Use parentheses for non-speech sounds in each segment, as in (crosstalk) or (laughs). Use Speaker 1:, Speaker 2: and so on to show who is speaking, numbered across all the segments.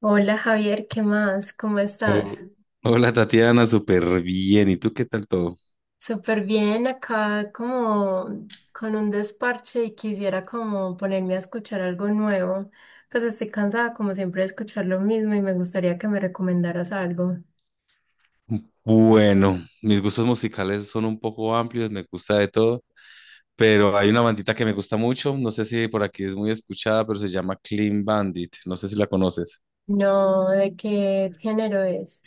Speaker 1: Hola Javier, ¿qué más? ¿Cómo estás?
Speaker 2: Oh, hola Tatiana, súper bien. ¿Y tú qué tal todo?
Speaker 1: Súper bien, acá como con un desparche y quisiera como ponerme a escuchar algo nuevo. Pues estoy cansada como siempre de escuchar lo mismo y me gustaría que me recomendaras algo.
Speaker 2: Bueno, mis gustos musicales son un poco amplios, me gusta de todo, pero hay una bandita que me gusta mucho, no sé si por aquí es muy escuchada, pero se llama Clean Bandit, no sé si la conoces.
Speaker 1: No, ¿de qué género es?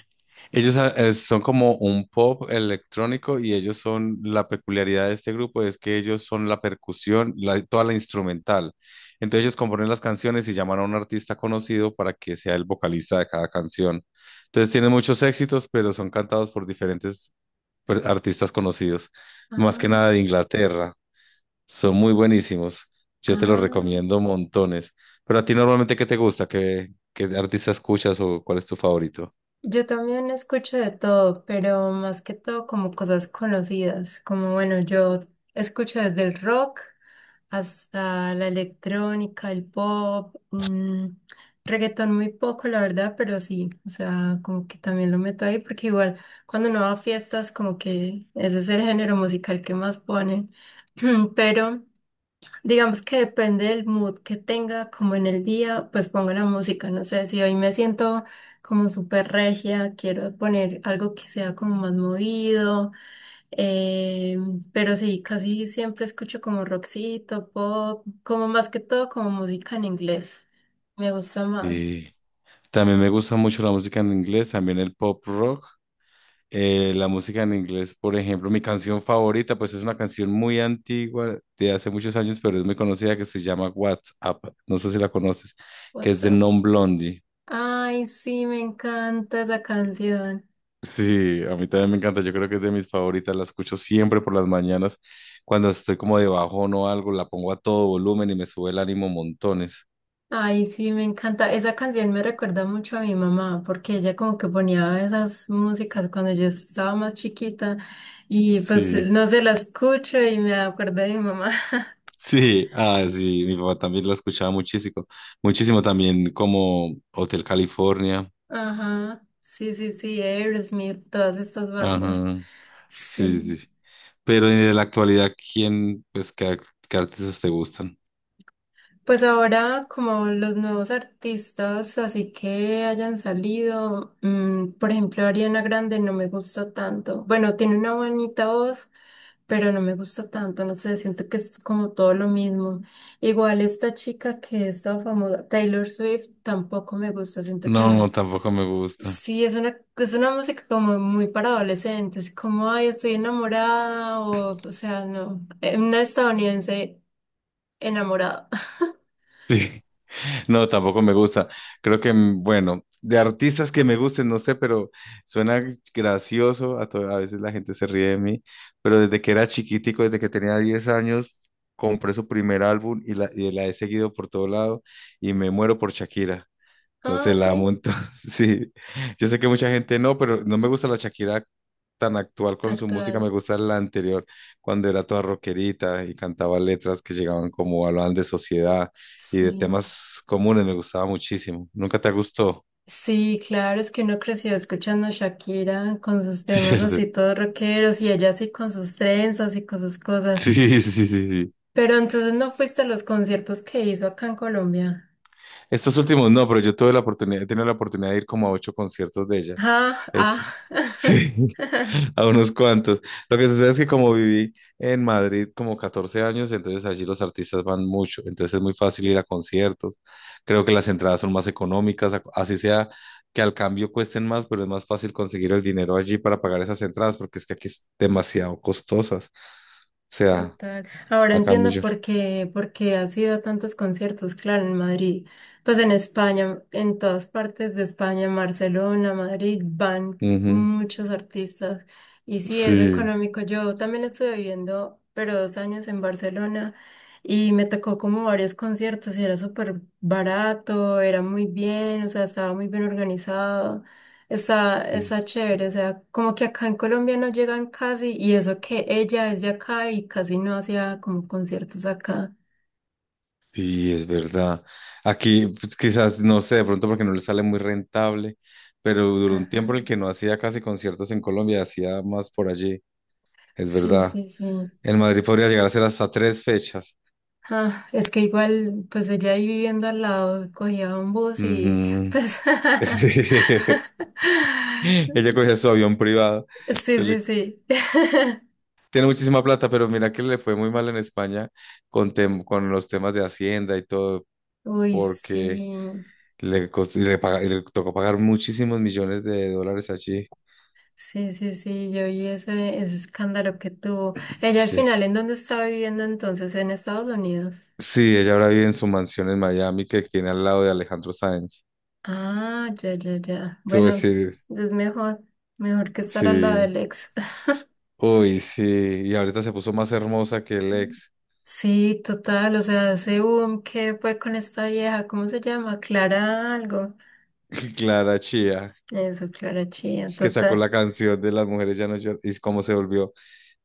Speaker 2: Ellos son como un pop electrónico y la peculiaridad de este grupo es que ellos son la percusión, toda la instrumental. Entonces ellos componen las canciones y llaman a un artista conocido para que sea el vocalista de cada canción. Entonces tienen muchos éxitos, pero son cantados por diferentes artistas conocidos, más que
Speaker 1: Ah,
Speaker 2: nada de Inglaterra. Son muy buenísimos. Yo te los
Speaker 1: ah.
Speaker 2: recomiendo montones. Pero a ti normalmente, ¿qué te gusta? ¿Qué artista escuchas o cuál es tu favorito?
Speaker 1: Yo también escucho de todo, pero más que todo como cosas conocidas, como bueno, yo escucho desde el rock hasta la electrónica, el pop, reggaetón muy poco, la verdad, pero sí, o sea, como que también lo meto ahí, porque igual cuando no va a fiestas, como que ese es el género musical que más ponen, (clears throat) pero digamos que depende del mood que tenga, como en el día, pues pongo la música, no sé, si hoy me siento como súper regia, quiero poner algo que sea como más movido. Eh, pero sí, casi siempre escucho como rockcito, pop, como más que todo como música en inglés. Me gusta más.
Speaker 2: Sí. También me gusta mucho la música en inglés, también el pop rock. La música en inglés, por ejemplo, mi canción favorita, pues es una canción muy antigua, de hace muchos años, pero es muy conocida, que se llama WhatsApp, no sé si la conoces, que es de
Speaker 1: WhatsApp.
Speaker 2: Non-Blondie.
Speaker 1: Ay, sí, me encanta esa canción.
Speaker 2: Sí, a mí también me encanta, yo creo que es de mis favoritas, la escucho siempre por las mañanas, cuando estoy como de bajón o algo, la pongo a todo volumen y me sube el ánimo montones.
Speaker 1: Ay, sí, me encanta. Esa canción me recuerda mucho a mi mamá, porque ella como que ponía esas músicas cuando yo estaba más chiquita y pues
Speaker 2: Sí.
Speaker 1: no se la escucho y me acuerdo de mi mamá.
Speaker 2: Sí, sí, mi papá también lo escuchaba muchísimo, muchísimo también como Hotel California,
Speaker 1: (laughs) Ajá, sí, sí, sí, Aerosmith, todas estas bandas.
Speaker 2: ajá, sí,
Speaker 1: Sí.
Speaker 2: sí, sí. Pero en la actualidad, pues, qué artistas te gustan?
Speaker 1: Pues ahora, como los nuevos artistas, así que hayan salido, por ejemplo, Ariana Grande no me gusta tanto. Bueno, tiene una bonita voz, pero no me gusta tanto, no sé, siento que es como todo lo mismo. Igual esta chica que es tan famosa, Taylor Swift, tampoco me gusta, siento que es,
Speaker 2: No, tampoco me gusta,
Speaker 1: sí, es una música como muy para adolescentes, como, ay, estoy enamorada, o sea, no. Una estadounidense enamorada. (laughs)
Speaker 2: (laughs) sí, no, tampoco me gusta. Creo que, bueno, de artistas que me gusten, no sé, pero suena gracioso. A veces la gente se ríe de mí, pero desde que era chiquitico, desde que tenía 10 años, compré su primer álbum y y la he seguido por todo lado y me muero por Shakira. No
Speaker 1: Ah,
Speaker 2: sé, la amo
Speaker 1: sí,
Speaker 2: entonces, (laughs) sí, yo sé que mucha gente no, pero no me gusta la Shakira tan actual con su música,
Speaker 1: actual.
Speaker 2: me gusta la anterior, cuando era toda rockerita y cantaba letras que llegaban como hablaban de sociedad y de
Speaker 1: Sí.
Speaker 2: temas comunes, me gustaba muchísimo. ¿Nunca te gustó?
Speaker 1: Sí, claro, es que uno creció escuchando a Shakira con sus
Speaker 2: (laughs)
Speaker 1: temas
Speaker 2: ¿Cierto?
Speaker 1: así todos rockeros y ella así con sus trenzas y con sus cosas.
Speaker 2: Sí, sí, sí, sí.
Speaker 1: Pero entonces no fuiste a los conciertos que hizo acá en Colombia.
Speaker 2: Estos últimos no, pero yo tuve la oportunidad, he tenido la oportunidad de ir como a ocho conciertos de ella.
Speaker 1: Ah,
Speaker 2: Es,
Speaker 1: ah.
Speaker 2: sí,
Speaker 1: (laughs)
Speaker 2: (laughs) a unos cuantos. Lo que sucede es que como viví en Madrid como 14 años, entonces allí los artistas van mucho, entonces es muy fácil ir a conciertos. Creo que las entradas son más económicas, así sea que al cambio cuesten más, pero es más fácil conseguir el dinero allí para pagar esas entradas, porque es que aquí es demasiado costosas. O sea,
Speaker 1: Total. Ahora
Speaker 2: acá en New
Speaker 1: entiendo
Speaker 2: York.
Speaker 1: por qué has ido a tantos conciertos, claro, en Madrid, pues en España, en todas partes de España, en Barcelona, Madrid, van
Speaker 2: Ujú,
Speaker 1: muchos artistas. Y sí, es
Speaker 2: sí.
Speaker 1: económico. Yo también estuve viviendo, pero dos años en Barcelona y me tocó como varios conciertos y era súper barato, era muy bien, o sea, estaba muy bien organizado. Está,
Speaker 2: Sí,
Speaker 1: está chévere, o sea, como que acá en Colombia no llegan casi, y eso que ella es de acá y casi no hacía como conciertos acá.
Speaker 2: Sí, es verdad. Aquí pues, quizás, no sé, de pronto porque no le sale muy rentable, pero duró un tiempo
Speaker 1: Ajá.
Speaker 2: en el que no hacía casi conciertos en Colombia, hacía más por allí, es
Speaker 1: Sí,
Speaker 2: verdad.
Speaker 1: sí, sí.
Speaker 2: En Madrid podría llegar a ser hasta tres fechas.
Speaker 1: Ah, es que igual, pues ella ahí viviendo al lado, cogía un bus y
Speaker 2: Ujú.
Speaker 1: pues... (laughs)
Speaker 2: (laughs) Sí. Ella cogía su avión privado.
Speaker 1: Sí,
Speaker 2: se le-
Speaker 1: sí, sí. (laughs)
Speaker 2: Tiene muchísima plata, pero mira que le fue muy mal en España con, con los temas de Hacienda y todo,
Speaker 1: Uy,
Speaker 2: porque
Speaker 1: sí.
Speaker 2: le tocó pagar muchísimos millones de dólares allí.
Speaker 1: Sí, sí, sí, yo vi ese escándalo que tuvo. Ella al
Speaker 2: Sí.
Speaker 1: final, ¿en dónde estaba viviendo entonces? ¿En Estados Unidos?
Speaker 2: Sí, ella ahora vive en su mansión en Miami que tiene al lado de Alejandro Sáenz.
Speaker 1: Ah, ya, ya, ya.
Speaker 2: Tú
Speaker 1: Bueno,
Speaker 2: decir,
Speaker 1: es mejor, mejor que estar al lado
Speaker 2: sí.
Speaker 1: del ex. (laughs)
Speaker 2: Uy, sí. Y ahorita se puso más hermosa que el
Speaker 1: Mm.
Speaker 2: ex,
Speaker 1: Sí, total, o sea, ese boom que fue con esta vieja, ¿cómo se llama? Clara algo.
Speaker 2: (laughs) Clara Chía,
Speaker 1: Eso, Clara Chía,
Speaker 2: que sacó
Speaker 1: total.
Speaker 2: la canción de Las mujeres ya no lloran. Y cómo se volvió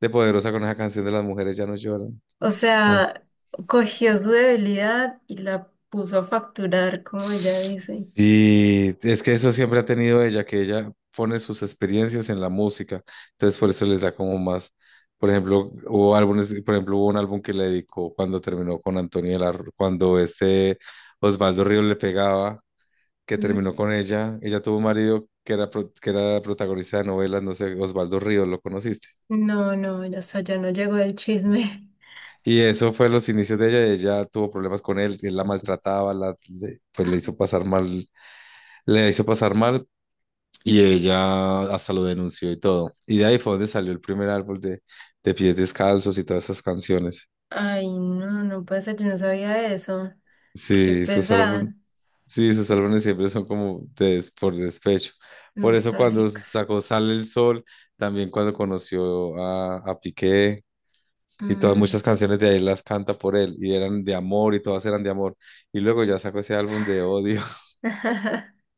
Speaker 2: de poderosa con esa canción de Las mujeres ya no lloran.
Speaker 1: O
Speaker 2: Ah,
Speaker 1: sea, cogió su debilidad y la puso a facturar, como ella dice.
Speaker 2: y es que eso siempre ha tenido ella, que ella pone sus experiencias en la música, entonces por eso les da como más. Por ejemplo, hubo álbumes, por ejemplo, hubo un álbum que le dedicó cuando terminó con Antonio de la cuando este Osvaldo Ríos le pegaba, que
Speaker 1: Mm.
Speaker 2: terminó con ella. Ella tuvo un marido que era, que era protagonista de novelas, no sé, Osvaldo Ríos, ¿lo conociste?
Speaker 1: No, no, ya hasta ya no llegó el chisme.
Speaker 2: Y eso fue los inicios de ella. Ella tuvo problemas con él, él la maltrataba, pues le hizo
Speaker 1: (laughs)
Speaker 2: pasar mal, le hizo pasar mal, y ella hasta lo denunció y todo. Y de ahí fue donde salió el primer álbum de Pies Descalzos y todas esas canciones.
Speaker 1: (gasps) Ay, no, no puede ser, yo no sabía eso. Qué
Speaker 2: Sí, sus
Speaker 1: pesar,
Speaker 2: álbumes, sí, sus álbumes siempre son como de por despecho. Por eso cuando
Speaker 1: nostálgicos.
Speaker 2: sacó Sale el Sol, también cuando conoció a Piqué y todas muchas
Speaker 1: Mm.
Speaker 2: canciones de ahí las canta por él y eran de amor y todas eran de amor. Y luego ya sacó ese álbum de odio
Speaker 1: (laughs)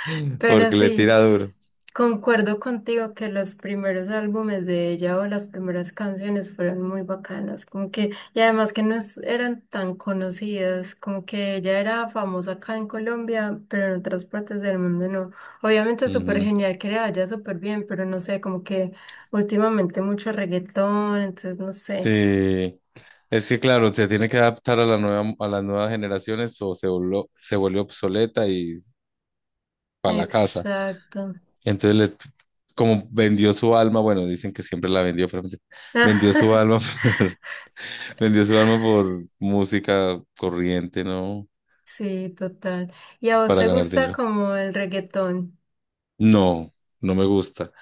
Speaker 2: (laughs)
Speaker 1: Pero
Speaker 2: porque le
Speaker 1: sí,
Speaker 2: tira duro.
Speaker 1: concuerdo contigo que los primeros álbumes de ella o las primeras canciones fueron muy bacanas, como que, y además que no es- eran tan conocidas, como que ella era famosa acá en Colombia, pero en otras partes del mundo no. Obviamente es súper
Speaker 2: Ujú.
Speaker 1: genial que le vaya súper bien, pero no sé, como que últimamente mucho reggaetón, entonces no sé.
Speaker 2: Sí, es que claro, se tiene que adaptar a la nueva, a las nuevas generaciones o se vuelve obsoleta y para la casa.
Speaker 1: Exacto.
Speaker 2: Entonces, como vendió su alma, bueno, dicen que siempre la vendió, pero vendió su
Speaker 1: (laughs)
Speaker 2: alma (laughs) por, vendió su alma por música corriente, ¿no?
Speaker 1: Sí, total. ¿Y a vos
Speaker 2: Para
Speaker 1: te
Speaker 2: ganar
Speaker 1: gusta
Speaker 2: dinero.
Speaker 1: como el reggaetón?
Speaker 2: No, no me gusta.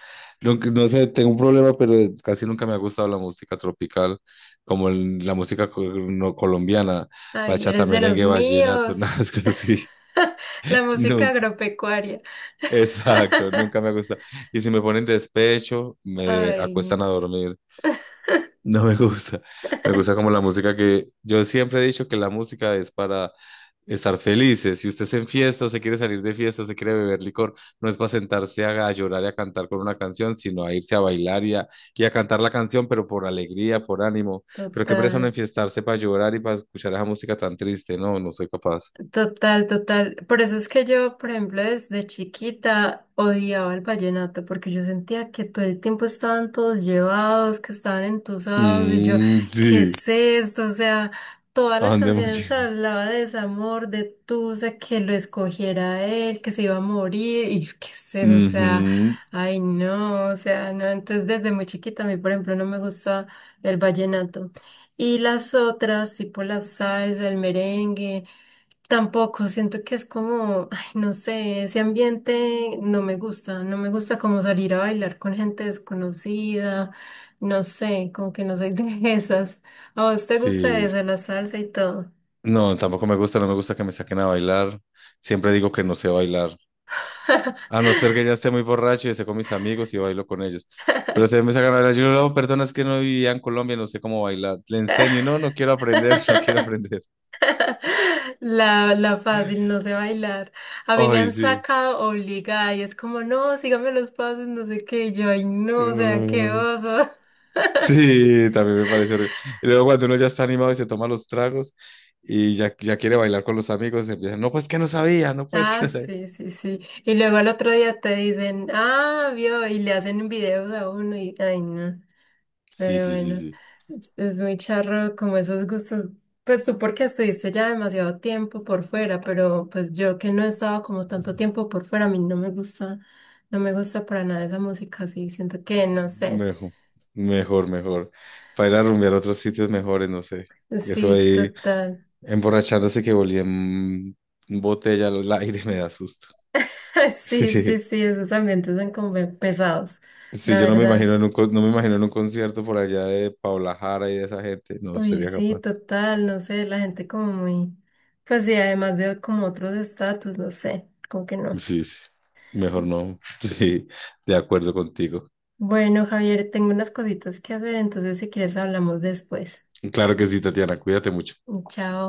Speaker 2: No, no sé, tengo un problema, pero casi nunca me ha gustado la música tropical, como la música no colombiana,
Speaker 1: Ay,
Speaker 2: bachata,
Speaker 1: eres de los
Speaker 2: merengue, vallenato, (laughs)
Speaker 1: míos.
Speaker 2: nada es que así.
Speaker 1: (laughs) La música
Speaker 2: Nunca.
Speaker 1: agropecuaria.
Speaker 2: Exacto,
Speaker 1: (laughs)
Speaker 2: nunca me ha gustado. Y si me ponen despecho, me
Speaker 1: Ay,
Speaker 2: acuestan a dormir. No me gusta. Me gusta
Speaker 1: (laughs)
Speaker 2: como la música que yo siempre he dicho que la música es para estar felices. Si usted se enfiesta o se quiere salir de fiesta o se quiere beber licor, no es para sentarse a llorar y a cantar con una canción, sino a irse a bailar y a cantar la canción, pero por alegría, por ánimo. Pero qué presa no
Speaker 1: total.
Speaker 2: enfiestarse para llorar y para escuchar esa música tan triste. No, no soy capaz.
Speaker 1: Total, total. Por eso es que yo, por ejemplo, desde chiquita odiaba el vallenato, porque yo sentía que todo el tiempo estaban todos llevados, que estaban entusados, y yo,
Speaker 2: Mm,
Speaker 1: ¿qué
Speaker 2: sí.
Speaker 1: es esto? O sea, todas
Speaker 2: ¿A
Speaker 1: las
Speaker 2: dónde hemos
Speaker 1: canciones
Speaker 2: llegado?
Speaker 1: hablaba de desamor, de tusa, que lo escogiera él, que se iba a morir, y yo, ¿qué es eso? O sea,
Speaker 2: Ujú,
Speaker 1: ay, no, o sea, no. Entonces, desde muy chiquita, a mí, por ejemplo, no me gusta el vallenato. Y las otras, tipo la salsa, el merengue. Tampoco, siento que es como, ay, no sé, ese ambiente no me gusta, no me gusta como salir a bailar con gente desconocida, no sé, como que no soy (laughs) de esas. ¿A vos te gusta
Speaker 2: sí.
Speaker 1: eso, la salsa y todo?
Speaker 2: No, tampoco me gusta, no me gusta que me saquen a bailar. Siempre digo que no sé bailar.
Speaker 1: (laughs)
Speaker 2: A no ser que ya esté muy borracho y esté con mis amigos y bailo con ellos. Pero se me sacan a bailar. Yo, no, perdona, que no vivían en Colombia, no sé cómo bailar. Le enseño y no, no quiero aprender, (laughs) no quiero aprender.
Speaker 1: La fácil, no sé bailar. A mí me
Speaker 2: Ay,
Speaker 1: han
Speaker 2: sí.
Speaker 1: sacado obligada y es como, no, sígame los pasos, no sé qué, y yo, ay, no, o sea, qué
Speaker 2: Mm,
Speaker 1: oso.
Speaker 2: sí, también me parece horrible. Y luego cuando uno ya está animado y se toma los tragos y ya quiere bailar con los amigos, empiezan, no, pues que no sabía, no, pues que
Speaker 1: Ah,
Speaker 2: no sabía.
Speaker 1: sí, sí, sí. Y luego al otro día te dicen, ah, vio, y le hacen videos a uno y, ay, no.
Speaker 2: Sí,
Speaker 1: Pero
Speaker 2: sí, sí,
Speaker 1: bueno,
Speaker 2: sí.
Speaker 1: es muy charro como esos gustos. Pues tú porque estuviste ya demasiado tiempo por fuera, pero pues yo que no he estado como tanto tiempo por fuera, a mí no me gusta, no me gusta para nada esa música así. Siento que, no sé.
Speaker 2: Mejor, mejor, mejor. Para ir a rumbear a otros sitios mejores, no sé. Eso
Speaker 1: Sí,
Speaker 2: ahí.
Speaker 1: total.
Speaker 2: Emborrachándose que volía en botella al aire (laughs) me da susto.
Speaker 1: (laughs) Sí, sí,
Speaker 2: Sí,
Speaker 1: sí, esos ambientes son como pesados,
Speaker 2: sí,
Speaker 1: la
Speaker 2: yo no me imagino
Speaker 1: verdad.
Speaker 2: en un, con- no me imagino en un concierto por allá de Paula Jara y de esa gente, no
Speaker 1: Uy,
Speaker 2: sería
Speaker 1: sí,
Speaker 2: capaz.
Speaker 1: total, no sé, la gente como muy, pues sí, además de como otros estatus, no sé, como que no.
Speaker 2: Sí, sí, mejor no. (laughs) Sí, de acuerdo contigo.
Speaker 1: Bueno, Javier, tengo unas cositas que hacer, entonces si quieres hablamos después.
Speaker 2: Claro que sí, Tatiana, cuídate mucho.
Speaker 1: Chao.